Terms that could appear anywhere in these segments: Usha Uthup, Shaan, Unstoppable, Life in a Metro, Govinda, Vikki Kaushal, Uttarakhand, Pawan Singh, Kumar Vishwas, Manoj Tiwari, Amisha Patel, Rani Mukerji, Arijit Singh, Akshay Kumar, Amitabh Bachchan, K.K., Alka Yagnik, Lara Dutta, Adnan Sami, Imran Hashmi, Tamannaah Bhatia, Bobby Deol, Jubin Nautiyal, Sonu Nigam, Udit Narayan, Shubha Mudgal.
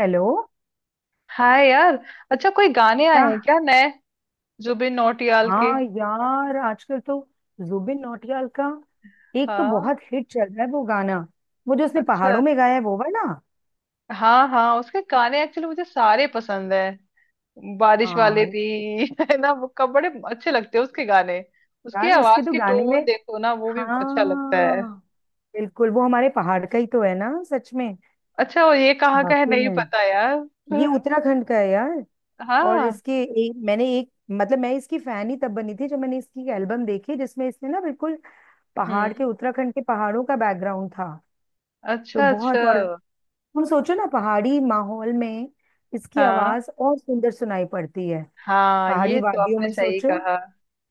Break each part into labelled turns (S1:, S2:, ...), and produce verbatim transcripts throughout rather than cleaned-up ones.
S1: Hello.
S2: Hi यार। अच्छा, कोई गाने आए
S1: क्या?
S2: हैं क्या नए, जुबिन नौटियाल के?
S1: हाँ यार, आजकल तो जुबिन नौटियाल का एक तो
S2: हाँ।
S1: बहुत हिट चल रहा है वो गाना। वो जो उसने
S2: अच्छा।
S1: पहाड़ों में गाया है वो वाला।
S2: हाँ हाँ, उसके गाने एक्चुअली मुझे सारे पसंद है, बारिश वाले
S1: हाँ
S2: भी। है ना, वो कब बड़े अच्छे लगते हैं उसके गाने। उसकी
S1: यार, उसके
S2: आवाज
S1: तो
S2: की
S1: गाने
S2: टोन
S1: में।
S2: देखो ना, वो भी अच्छा लगता है।
S1: हाँ, बिल्कुल वो हमारे पहाड़ का ही तो है ना, सच में।
S2: अच्छा, और ये कहाँ का है,
S1: वाकई
S2: नहीं
S1: में।
S2: पता यार।
S1: ये उत्तराखंड का है यार। और
S2: हाँ।
S1: इसके एक मैंने एक मतलब मैं इसकी फैन ही तब बनी थी जब मैंने इसकी एल्बम देखी जिसमें इसने ना बिल्कुल पहाड़
S2: हम्म।
S1: के उत्तराखंड के पहाड़ों का बैकग्राउंड था। तो
S2: अच्छा अच्छा।
S1: बहुत। और तुम सोचो ना, पहाड़ी माहौल में इसकी
S2: हाँ
S1: आवाज और सुंदर सुनाई पड़ती है।
S2: हाँ,
S1: पहाड़ी
S2: ये तो
S1: वादियों
S2: आपने
S1: में
S2: सही
S1: सोचो।
S2: कहा।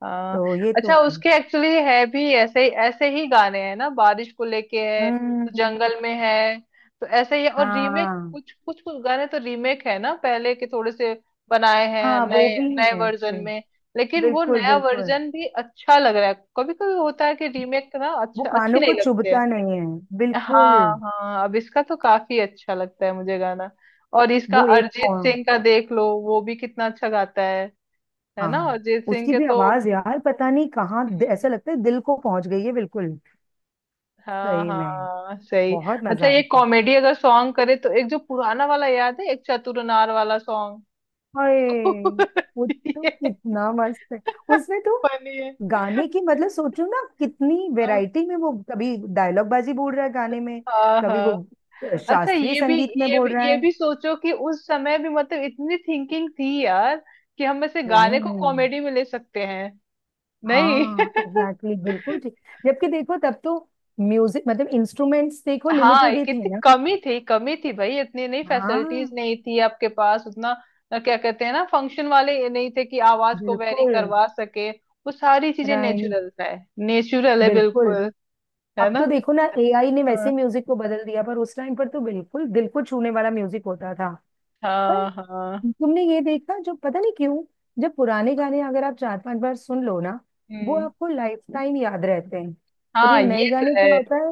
S2: हाँ।
S1: तो ये
S2: अच्छा,
S1: तो है।
S2: उसके एक्चुअली है भी ऐसे, ऐसे ही गाने हैं ना, बारिश को लेके है, तो
S1: हम्म।
S2: जंगल में है, तो ऐसे ही। और रीमेक
S1: हाँ
S2: कुछ कुछ कुछ गाने, तो रीमेक है ना पहले के, थोड़े से बनाए हैं
S1: हाँ, वो
S2: नए
S1: भी
S2: नए
S1: है
S2: वर्जन
S1: फिर।
S2: में। लेकिन वो
S1: बिल्कुल
S2: नया
S1: बिल्कुल,
S2: वर्जन भी अच्छा लग रहा है। कभी कभी होता है कि रीमेक ना
S1: वो
S2: अच्छा, अच्छी
S1: कानों को
S2: नहीं लगते हैं।
S1: चुभता नहीं है। बिल्कुल।
S2: हाँ हाँ, अब इसका तो काफी अच्छा लगता है मुझे गाना। और इसका
S1: वो एक पौ-
S2: अरिजीत सिंह का देख लो, वो भी कितना अच्छा गाता है। है ना,
S1: हाँ,
S2: अरिजीत सिंह
S1: उसकी
S2: के
S1: भी
S2: तो।
S1: आवाज यार, पता नहीं कहाँ। ऐसा
S2: हम्म।
S1: लगता है दिल को पहुंच गई है बिल्कुल।
S2: हाँ
S1: सही में।
S2: हाँ सही।
S1: बहुत मजा
S2: अच्छा, ये
S1: आता है।
S2: कॉमेडी अगर सॉन्ग करे तो, एक जो पुराना वाला याद है, एक चतुरनार वाला सॉन्ग।
S1: हाय, वो तो
S2: ये
S1: कितना मस्त है। उसमें तो
S2: फनी है।
S1: गाने की मतलब सोचो ना, कितनी
S2: हाँ
S1: वैरायटी में वो कभी डायलॉग बाजी बोल रहा है गाने में।
S2: हाँ
S1: कभी वो
S2: हाँ।
S1: अ,
S2: अच्छा
S1: शास्त्रीय
S2: ये भी
S1: संगीत में
S2: ये भी
S1: बोल रहा
S2: ये
S1: है।
S2: भी सोचो कि उस समय भी मतलब इतनी थिंकिंग थी यार, कि हम ऐसे गाने को
S1: हम्म।
S2: कॉमेडी में ले सकते हैं। नहीं।
S1: हाँ एग्जैक्टली exactly, बिल्कुल ठीक। जबकि देखो, तब तो म्यूजिक मतलब इंस्ट्रूमेंट्स देखो
S2: हाँ, ये
S1: लिमिटेड ही थे
S2: कितनी
S1: ना।
S2: कमी थी, कमी थी भाई, इतनी नहीं, फैसिलिटीज
S1: हाँ।
S2: नहीं थी आपके पास उतना। अ, क्या कहते हैं ना, फंक्शन वाले, ये नहीं थे कि आवाज को वेरी
S1: बिल्कुल।
S2: करवा सके, वो सारी चीजें
S1: राइट।
S2: नेचुरल है। नेचुरल है
S1: बिल्कुल।
S2: बिल्कुल। है
S1: अब
S2: ना।
S1: तो देखो ना, एआई ने वैसे
S2: हाँ
S1: म्यूजिक को बदल दिया, पर उस टाइम पर तो बिल्कुल दिल को छूने वाला म्यूजिक होता था। पर
S2: हाँ हाँ।
S1: तुमने ये देखा, जो पता नहीं क्यों जब पुराने गाने अगर आप चार पांच बार सुन लो ना, वो
S2: हम्म।
S1: आपको लाइफ टाइम याद रहते हैं। और ये
S2: हाँ ये
S1: नए
S2: तो
S1: गाने क्या
S2: है।
S1: होता है।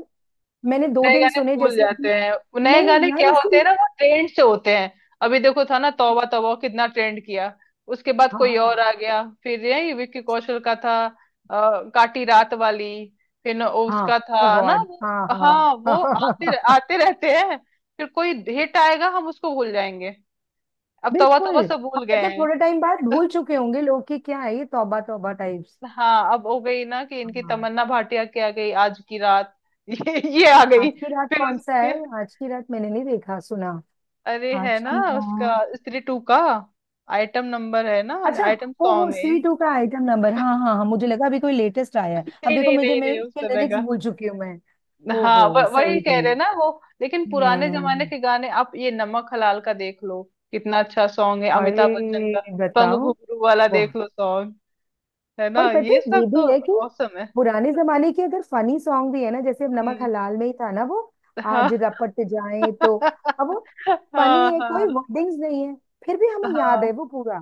S1: मैंने दो
S2: नए
S1: दिन
S2: गाने
S1: सुने
S2: भूल
S1: जैसे अभी।
S2: जाते हैं, वो नए
S1: नहीं
S2: गाने
S1: यार,
S2: क्या होते
S1: इसकी।
S2: हैं ना, वो ट्रेंड से होते हैं। अभी देखो था ना तौबा तौबा, कितना ट्रेंड किया। उसके बाद कोई और
S1: हाँ
S2: आ गया, फिर यही विक्की कौशल का था अ, काटी रात वाली। फिर न वो
S1: हाँ
S2: उसका
S1: ओ
S2: था ना
S1: गॉड
S2: वो।
S1: हाँ हाँ।
S2: हाँ, वो आते रह,
S1: हाँ।
S2: आते रहते हैं। फिर कोई हिट आएगा, हम उसको भूल जाएंगे। अब तौबा
S1: बिल्कुल।
S2: तौबा सब
S1: अब
S2: भूल गए
S1: मतलब
S2: हैं।
S1: थोड़े टाइम बाद भूल चुके होंगे लोग कि क्या है ये तौबा तौबा टाइप्स।
S2: हाँ, अब हो गई ना कि इनकी,
S1: हाँ।
S2: तमन्ना भाटिया की आ गई आज की रात ये ये आ
S1: आज
S2: गई
S1: की रात
S2: फिर
S1: कौन सा
S2: उसके।
S1: है, आज की रात मैंने नहीं देखा सुना।
S2: अरे है
S1: आज
S2: ना,
S1: की
S2: उसका
S1: रात।
S2: स्त्री टू का आइटम नंबर है ना,
S1: अच्छा।
S2: आइटम
S1: ओहो,
S2: सॉन्ग है।
S1: सी टू का आइटम नंबर, हाँ हाँ हाँ, मुझे लगा अभी कोई लेटेस्ट आया है। अब
S2: नहीं
S1: देखो
S2: नहीं
S1: मुझे,
S2: नहीं
S1: मैं
S2: नहीं, उस
S1: उसके
S2: तरह
S1: लिरिक्स
S2: का।
S1: भूल चुकी हूँ मैं।
S2: हाँ,
S1: ओहो,
S2: व- वही
S1: सही
S2: कह
S1: में।
S2: रहे हैं ना वो। लेकिन पुराने जमाने
S1: हम्म।
S2: के गाने, आप ये नमक हलाल का देख लो, कितना अच्छा सॉन्ग है
S1: अरे
S2: अमिताभ बच्चन का। पंग
S1: बताओ।
S2: घुंघरू वाला
S1: वाह।
S2: देख लो सॉन्ग, है
S1: और
S2: ना।
S1: पता है
S2: ये सब
S1: ये
S2: तो
S1: भी है कि
S2: औसम है।
S1: पुराने जमाने के अगर फनी सॉन्ग भी है ना, जैसे अब नमक
S2: हम्म।
S1: हलाल में ही था ना वो,
S2: हाँ।
S1: आज रपट जाए तो। अब वो फनी
S2: हाँ
S1: है, कोई
S2: हाँ
S1: वर्डिंग्स नहीं है, फिर भी हमें याद है
S2: हाँ
S1: वो पूरा।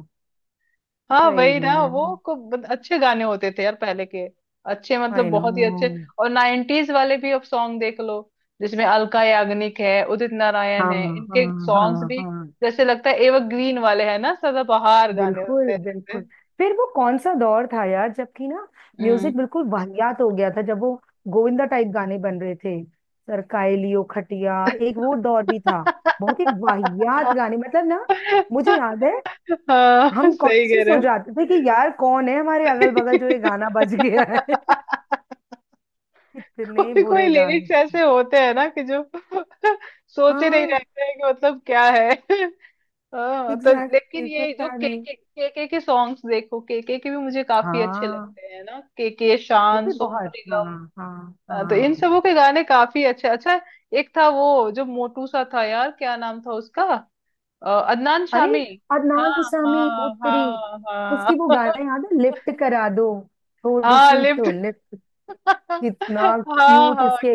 S2: हाँ,
S1: सही
S2: वही ना
S1: में।
S2: वो को ब- अच्छे गाने होते थे यार पहले के, अच्छे मतलब
S1: आई नो।
S2: बहुत ही अच्छे। और नाइन्टीज वाले भी अब सॉन्ग देख लो, जिसमें अलका याग्निक है, उदित नारायण
S1: हाँ
S2: है, इनके
S1: हाँ
S2: सॉन्ग्स
S1: हाँ
S2: भी
S1: हाँ।
S2: जैसे लगता है एवरग्रीन वाले हैं ना, सदाबहार गाने होते
S1: बिल्कुल
S2: हैं जैसे।
S1: बिल्कुल। फिर वो कौन सा दौर था यार, जबकि ना
S2: हम्म।
S1: म्यूजिक बिल्कुल वाहियात हो गया था, जब वो गोविंदा टाइप गाने बन रहे थे। सरकाए लियो खटिया। एक वो दौर भी था। बहुत ही वाहियात गाने मतलब ना। मुझे याद है।
S2: हाँ
S1: हम
S2: सही कह
S1: कॉन्शियस
S2: रहे
S1: हो
S2: हो।
S1: जाते थे कि यार, कौन है हमारे अगल बगल जो ये गाना बज गया है। कितने
S2: कोई कोई
S1: बुरे गाने
S2: लिरिक्स
S1: थे।
S2: ऐसे होते हैं ना कि जो सोचे नहीं
S1: हाँ
S2: रहते हैं कि मतलब क्या है। हाँ, तो लेकिन
S1: एग्जैक्टली,
S2: ये जो
S1: पता
S2: के
S1: नहीं।
S2: के के के के सॉन्ग्स देखो, के के के भी मुझे काफी अच्छे
S1: हाँ,
S2: लगते हैं ना, के के
S1: वो
S2: शान,
S1: भी
S2: सोनू
S1: बहुत। हाँ।
S2: निगम।
S1: हाँ
S2: हाँ, तो इन
S1: हाँ।
S2: सबों के गाने काफी अच्छे। अच्छा, एक था वो जो मोटू सा था यार, क्या नाम था उसका। अ, अदनान
S1: अरे,
S2: शामी। हाँ
S1: अदनान सामी, वो
S2: हाँ
S1: तेरी।
S2: हाँ
S1: उसकी वो
S2: हाँ
S1: गाना याद है, लिफ्ट करा दो, थोड़ी
S2: हाँ,
S1: सी
S2: लिफ्ट।
S1: तो लिफ्ट। कितना
S2: हाँ
S1: क्यूट,
S2: हाँ,
S1: इसके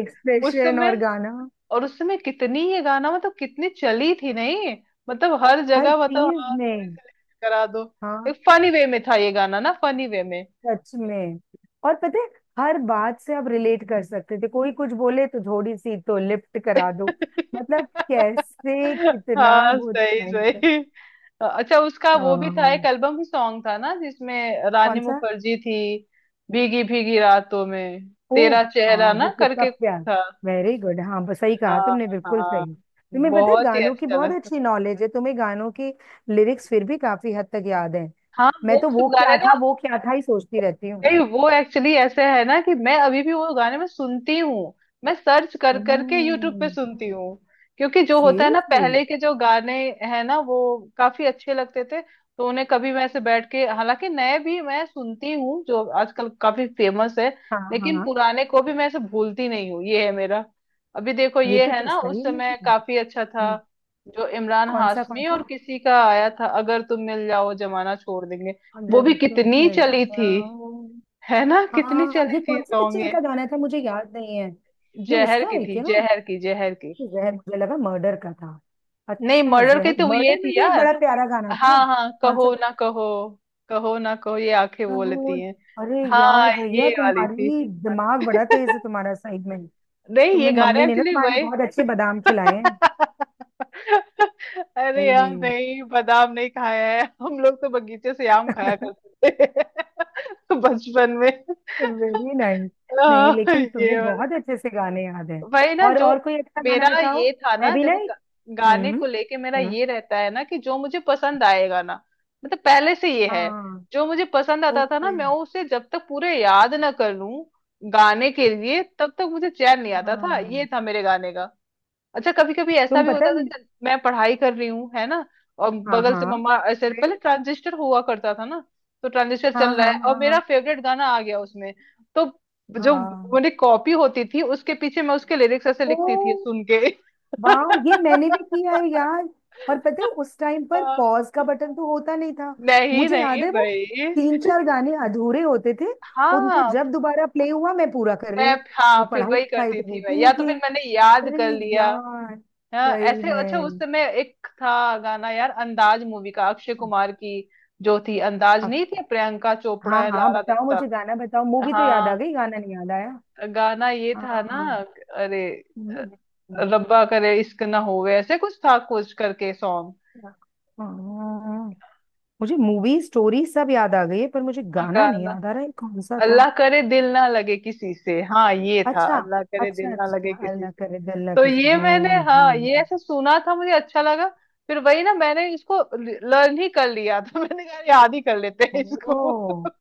S2: उस
S1: एक्सप्रेशन और
S2: समय।
S1: गाना।
S2: और उस समय कितनी ये गाना मतलब कितनी चली थी नहीं, मतलब हर
S1: हर
S2: जगह मतलब,
S1: चीज
S2: हाँ,
S1: में।
S2: करा दो।
S1: हाँ।
S2: एक फनी वे में था ये गाना ना, फनी वे में।
S1: सच में। और पता है, हर बात से आप रिलेट कर सकते थे, कोई कुछ बोले तो थोड़ी सी तो लिफ्ट करा दो। मतलब, कैसे कितना
S2: हाँ
S1: वो
S2: सही
S1: time पर-।
S2: सही। अच्छा, उसका वो भी था एक
S1: आ।
S2: एल्बम सॉन्ग था ना जिसमें रानी
S1: कौन सा?
S2: मुखर्जी थी, भीगी भीगी रातों में
S1: ओह।
S2: तेरा
S1: हाँ
S2: चेहरा
S1: वो
S2: ना,
S1: कितना
S2: करके
S1: प्यार।
S2: था।
S1: वेरी गुड हाँ, बस सही कहा
S2: हाँ
S1: तुमने, बिल्कुल
S2: हाँ,
S1: सही। तुम्हें पता है,
S2: बहुत ही
S1: गानों की
S2: अच्छा
S1: बहुत
S2: लगता।
S1: अच्छी नॉलेज है तुम्हें, गानों की लिरिक्स फिर भी काफी हद तक याद है।
S2: हाँ
S1: मैं
S2: वो
S1: तो वो
S2: सब गाने
S1: क्या
S2: ना,
S1: था वो क्या था ही सोचती रहती हूँ।
S2: नहीं वो एक्चुअली ऐसे है ना कि मैं अभी भी वो गाने में सुनती हूँ, मैं सर्च कर करके यूट्यूब पे
S1: हम्म।
S2: सुनती हूँ, क्योंकि जो होता है ना
S1: सीरियसली।
S2: पहले के जो गाने हैं ना, वो काफी अच्छे लगते थे, तो उन्हें कभी मैं ऐसे बैठ के, हालांकि नए भी मैं सुनती हूँ जो आजकल काफी फेमस है,
S1: हाँ
S2: लेकिन
S1: हाँ।
S2: पुराने को भी मैं ऐसे भूलती नहीं हूँ, ये है मेरा। अभी देखो
S1: ये
S2: ये
S1: तो,
S2: है
S1: तो
S2: ना, उस
S1: सही में।
S2: समय काफी अच्छा था
S1: हम्म।
S2: जो इमरान
S1: कौन सा कौन
S2: हाशमी और
S1: सा।
S2: किसी का आया था, अगर तुम मिल जाओ जमाना छोड़ देंगे। वो भी
S1: अगर तुम
S2: कितनी
S1: मिल
S2: चली थी,
S1: जाओ।
S2: है ना, कितनी
S1: हाँ,
S2: चली
S1: ये
S2: थी
S1: कौन सी
S2: सॉन्ग
S1: पिक्चर
S2: ये।
S1: का गाना था मुझे याद नहीं है। ये
S2: जहर
S1: उसका
S2: की
S1: है
S2: थी,
S1: क्या?
S2: जहर की, जहर की।
S1: जहर, मुझे लगा मर्डर का था।
S2: नहीं
S1: अच्छा,
S2: मर्डर की
S1: जहर।
S2: तो वो ये
S1: मर्डर
S2: थी
S1: में भी एक
S2: यार,
S1: बड़ा प्यारा गाना था।
S2: हाँ हाँ,
S1: कौन सा
S2: कहो
S1: गाना
S2: ना कहो, कहो ना कहो ये आंखें
S1: था वो?
S2: बोलती हैं।
S1: अरे यार
S2: हाँ, ये
S1: भैया,
S2: वाली थी।
S1: तुम्हारी दिमाग बड़ा तेज है, तुम्हारा साइड में।
S2: नहीं ये
S1: तुम्हें
S2: गाना
S1: मम्मी ने ना
S2: एक्चुअली
S1: तुम्हारे लिए
S2: वही।
S1: बहुत अच्छे बादाम खिलाए हैं।
S2: अरे यार, नहीं बादाम नहीं खाया है, हम लोग तो बगीचे से आम खाया करते थे बचपन में।
S1: Very nice. नहीं
S2: आह,
S1: लेकिन
S2: ये
S1: तुम्हें
S2: वाला,
S1: बहुत अच्छे से गाने याद हैं।
S2: वही ना
S1: और
S2: जो,
S1: और कोई अच्छा
S2: मेरा
S1: गाना बताओ।
S2: ये था
S1: मैं
S2: ना
S1: भी
S2: देखो
S1: नहीं।
S2: गा- गाने
S1: हम्म।
S2: को लेके, मेरा
S1: हम्म।
S2: ये रहता है ना कि जो मुझे पसंद आएगा ना, मतलब पहले से ये है,
S1: हाँ।
S2: जो मुझे पसंद आता था ना,
S1: ओके।
S2: मैं उसे जब तक पूरे याद ना कर लूं गाने के लिए, तब तक मुझे चैन नहीं आता था, ये
S1: हाँ।
S2: था मेरे गाने का। अच्छा, कभी कभी ऐसा
S1: तुम
S2: भी
S1: पता
S2: होता था,
S1: नहीं।
S2: चल मैं पढ़ाई कर रही हूँ है ना, और
S1: हाँ
S2: बगल से
S1: हाँ।
S2: मम्मा ऐसे, पहले
S1: फिर।
S2: ट्रांजिस्टर हुआ करता था ना, तो ट्रांजिस्टर
S1: हाँ
S2: चल रहा
S1: हाँ
S2: है और
S1: हाँ
S2: मेरा
S1: हाँ।
S2: फेवरेट गाना आ गया उसमें, तो जो
S1: हाँ।
S2: मेरी कॉपी होती थी उसके पीछे मैं उसके लिरिक्स ऐसे
S1: ओ।
S2: लिखती थी सुन के।
S1: वाह। ये मैंने भी किया है यार। और पता है उस टाइम पर
S2: हाँ,
S1: पॉज का बटन तो होता नहीं था।
S2: नहीं
S1: मुझे
S2: नहीं
S1: याद है वो,
S2: भाई।
S1: तीन चार गाने अधूरे होते थे। उनको
S2: हाँ
S1: जब दोबारा प्ले हुआ, मैं पूरा कर रही
S2: मैं
S1: हूँ।
S2: हाँ,
S1: और
S2: फिर
S1: पढ़ाई
S2: वही
S1: लिखाई
S2: करती
S1: तो
S2: थी मैं,
S1: होती
S2: या
S1: नहीं
S2: तो
S1: थी।
S2: फिर मैंने याद कर
S1: अरे
S2: लिया।
S1: यार।
S2: हाँ,
S1: सही
S2: ऐसे। अच्छा, उस
S1: में।
S2: समय एक था गाना यार, अंदाज मूवी का, अक्षय कुमार की, जो थी अंदाज,
S1: अ-
S2: नहीं थी, प्रियंका
S1: हाँ
S2: चोपड़ा है,
S1: हाँ,
S2: लारा
S1: बताओ,
S2: दत्ता।
S1: मुझे गाना बताओ। मूवी तो याद आ
S2: हाँ,
S1: गई, गाना नहीं याद आया।
S2: गाना ये
S1: हाँ।
S2: था ना।
S1: हाँ।
S2: अरे
S1: हम्म।
S2: अ,
S1: हम्म।
S2: रब्बा करे इश्क ना होवे, ऐसे कुछ था कुछ करके सॉन्ग।
S1: हम्म। हाँ, मुझे मूवी स्टोरी सब याद आ गई है पर मुझे गाना नहीं
S2: गाना
S1: याद आ रहा है कौन सा था।
S2: अल्लाह करे दिल ना लगे किसी से, हाँ ये था,
S1: अच्छा।
S2: अल्लाह करे
S1: अच्छा,
S2: दिल ना लगे
S1: अच्छा
S2: किसी
S1: अल्लाह
S2: से।
S1: करे, अल्लाह
S2: तो
S1: के साथ।
S2: ये मैंने,
S1: हम्म
S2: हाँ ये
S1: हम्म।
S2: ऐसे सुना था, मुझे अच्छा लगा, फिर वही ना मैंने इसको लर्न ही कर लिया था। मैंने कहा याद ही कर लेते हैं इसको।
S1: ओ।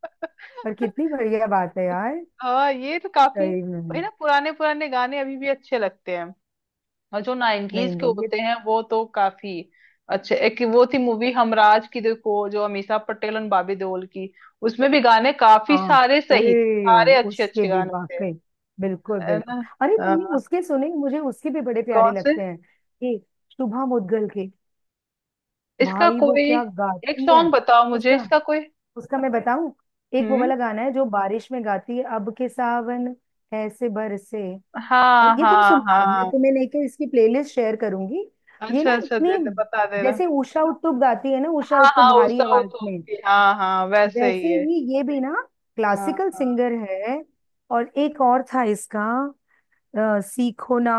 S1: पर कितनी बढ़िया बात है यार।
S2: हाँ ये तो काफी,
S1: सही में।
S2: वही ना, पुराने पुराने गाने अभी भी अच्छे लगते हैं। और जो
S1: नहीं
S2: नाइनटीज के
S1: नहीं, ये
S2: होते
S1: तो।
S2: हैं वो तो काफी अच्छे। एक वो थी मूवी हमराज की देखो, जो अमीषा पटेल और बॉबी देओल की, उसमें भी गाने काफी
S1: हाँ।
S2: सारे
S1: ओए,
S2: सही थे, सारे अच्छे
S1: उसके
S2: अच्छे
S1: भी
S2: गाने थे,
S1: वाकई। बिल्कुल
S2: है
S1: बिल्कुल।
S2: ना।
S1: अरे तुमने
S2: हाँ,
S1: उसके सुने? मुझे उसके भी बड़े प्यारे
S2: कौन से।
S1: लगते हैं, कि शुभा मुद्गल के।
S2: इसका
S1: भाई वो
S2: कोई
S1: क्या
S2: एक
S1: गाती है।
S2: सॉन्ग बताओ मुझे,
S1: उसका
S2: इसका कोई।
S1: उसका मैं बताऊं। एक वो
S2: हम्म।
S1: वाला गाना है जो बारिश में गाती है, अब के सावन ऐसे बरसे। और
S2: हाँ
S1: ये तुम
S2: हाँ
S1: सुनना, मैं
S2: हाँ।
S1: तुम्हें लेके इसकी प्लेलिस्ट शेयर करूंगी। ये
S2: अच्छा
S1: ना
S2: अच्छा, दे
S1: इतनी,
S2: दे, बता दे रहा।
S1: जैसे उषा उत्तुप गाती है ना, उषा
S2: हाँ
S1: उत्तुप
S2: हाँ, वो
S1: भारी आवाज
S2: साउथ
S1: में।
S2: की, हाँ हाँ, वैसे ही
S1: वैसे
S2: है।
S1: ही ये भी ना
S2: हाँ
S1: क्लासिकल
S2: हाँ।
S1: सिंगर है। और एक और था इसका, अ, सीखो ना,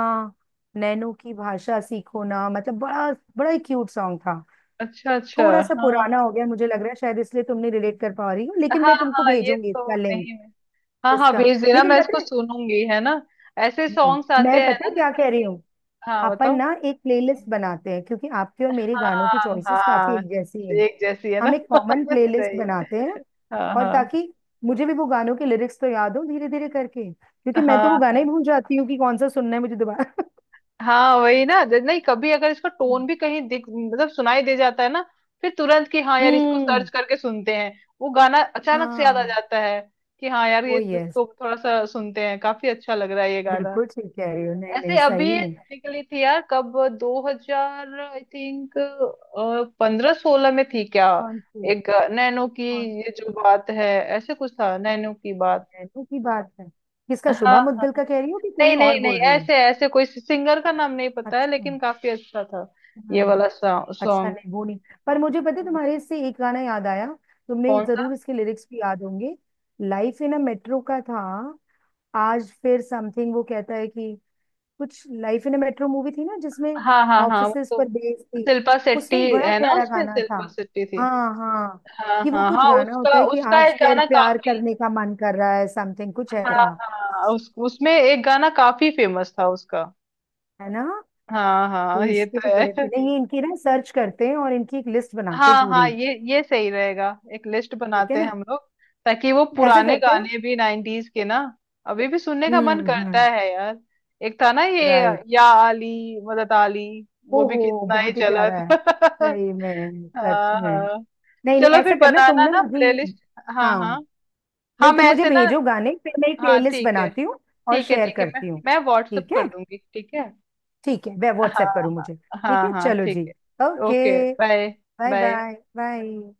S1: नैनो की भाषा सीखो ना, मतलब बड़ा, बड़ा ही क्यूट सॉन्ग था।
S2: अच्छा अच्छा।
S1: थोड़ा सा पुराना
S2: हाँ
S1: हो गया मुझे लग रहा है शायद, इसलिए तुम नहीं रिलेट कर पा रही हो, लेकिन
S2: हाँ
S1: मैं तुमको
S2: हाँ, ये
S1: भेजूंगी
S2: तो
S1: इसका लिंक।
S2: नहीं है। हाँ हाँ,
S1: इसका।
S2: भेज देना,
S1: लेकिन
S2: मैं इसको
S1: पता है,
S2: सुनूंगी, है ना। ऐसे सॉन्ग्स
S1: मैं
S2: आते हैं
S1: पता
S2: ना,
S1: है क्या
S2: जैसे
S1: कह रही
S2: कि,
S1: हूँ,
S2: हाँ
S1: अपन
S2: बताओ।
S1: ना एक प्लेलिस्ट बनाते हैं, क्योंकि आपके और मेरे गानों की
S2: हाँ
S1: चॉइसेस काफी
S2: हाँ,
S1: एक जैसी हैं।
S2: एक जैसी है ना।
S1: हम एक कॉमन प्लेलिस्ट
S2: सही।
S1: बनाते हैं,
S2: हाँ
S1: और
S2: हाँ
S1: ताकि मुझे भी वो गानों के लिरिक्स तो याद हो धीरे धीरे करके, क्योंकि मैं तो वो गाना
S2: हाँ।
S1: ही भूल जाती हूँ कि कौन सा सुनना है मुझे दोबारा।
S2: हाँ वही ना, ज- नहीं, कभी अगर इसका टोन भी कहीं दिख, मतलब सुनाई दे जाता है ना, फिर तुरंत कि हाँ यार इसको
S1: हम्म।
S2: सर्च करके सुनते हैं, वो गाना अचानक से याद आ
S1: हाँ।
S2: जाता है कि हाँ यार, ये
S1: वो यस,
S2: इसको थोड़ा सा सुनते हैं, काफी अच्छा लग रहा है ये गाना।
S1: बिल्कुल ठीक कह रही हो। नहीं नहीं,
S2: ऐसे अभी
S1: सही में।
S2: निकली थी यार, कब, दो हजार आई थिंक पंद्रह सोलह में थी क्या,
S1: कौन सी
S2: एक नैनो की,
S1: कौन सी।
S2: ये जो बात है, ऐसे कुछ था नैनो की बात।
S1: नैनो की बात है। किसका, शुभा
S2: हाँ,
S1: मुद्गल का कह रही हो कि कोई
S2: नहीं नहीं
S1: और बोल
S2: नहीं
S1: रही हो?
S2: ऐसे, ऐसे कोई सिंगर का नाम नहीं पता है,
S1: अच्छा।
S2: लेकिन काफी अच्छा था
S1: हाँ।
S2: ये वाला
S1: अच्छा
S2: सॉन्ग।
S1: नहीं, वो नहीं। पर मुझे पता है, तुम्हारे इससे एक गाना याद आया, तुमने
S2: कौन सा।
S1: जरूर इसके लिरिक्स भी याद होंगे। लाइफ इन अ मेट्रो का था, आज फिर समथिंग वो कहता है कि कुछ। Life in a metro movie थी ना, जिसमें
S2: हाँ हाँ हाँ वो
S1: ऑफिसेस
S2: तो,
S1: पर बेस्ड थी।
S2: शिल्पा शेट्टी
S1: उसमें एक बड़ा
S2: है ना,
S1: प्यारा
S2: उसमें
S1: गाना था।
S2: शिल्पा शेट्टी थी।
S1: हाँ हाँ।
S2: हाँ
S1: कि वो
S2: हाँ
S1: कुछ
S2: हाँ
S1: गाना होता
S2: उसका,
S1: है कि
S2: उसका
S1: आज
S2: एक
S1: फिर
S2: गाना
S1: प्यार
S2: काफी,
S1: करने का मन कर रहा है, समथिंग कुछ
S2: हाँ
S1: ऐसा।
S2: हाँ, उस उसमें एक गाना काफी फेमस था उसका।
S1: है ना।
S2: हाँ
S1: तो
S2: हाँ ये
S1: इसके
S2: तो
S1: भी बड़े,
S2: है।
S1: नहीं इनकी ना सर्च करते हैं और इनकी एक लिस्ट बनाते हैं
S2: हाँ हाँ
S1: पूरी।
S2: ये ये सही रहेगा, एक लिस्ट
S1: ठीक है
S2: बनाते हैं
S1: ना।
S2: हम लोग, ताकि वो
S1: ऐसा
S2: पुराने
S1: करते हैं।
S2: गाने भी, नाइनटीज के ना अभी भी सुनने का मन
S1: हम्म
S2: करता
S1: हम्म।
S2: है यार। एक था ना ये,
S1: राइट।
S2: या आली, मदद आली, वो भी
S1: ओहो,
S2: कितना ही
S1: बहुत ही
S2: चला
S1: प्यारा है।
S2: था।
S1: सही में, सच
S2: हाँ
S1: में।
S2: हाँ,
S1: नहीं नहीं,
S2: चलो फिर
S1: ऐसा करना तुम
S2: बनाना
S1: ना
S2: ना
S1: मुझे ये-।
S2: प्लेलिस्ट। हाँ
S1: हाँ।
S2: हाँ हाँ,
S1: नहीं
S2: मैं
S1: तुम मुझे
S2: ऐसे ना,
S1: भेजो गाने, फिर मैं एक
S2: हाँ
S1: प्लेलिस्ट
S2: ठीक है।
S1: बनाती हूँ और
S2: ठीक है
S1: शेयर
S2: ठीक है, मैं
S1: करती हूँ।
S2: मैं व्हाट्सअप
S1: ठीक है।
S2: कर दूंगी, ठीक है।
S1: ठीक है, मैं
S2: हाँ
S1: व्हाट्सएप करूँ मुझे,
S2: हाँ
S1: ठीक
S2: हाँ
S1: है,
S2: हाँ,
S1: चलो
S2: ठीक
S1: जी।
S2: है,
S1: okay,
S2: okay bye.
S1: Bye bye
S2: bye.
S1: Bye.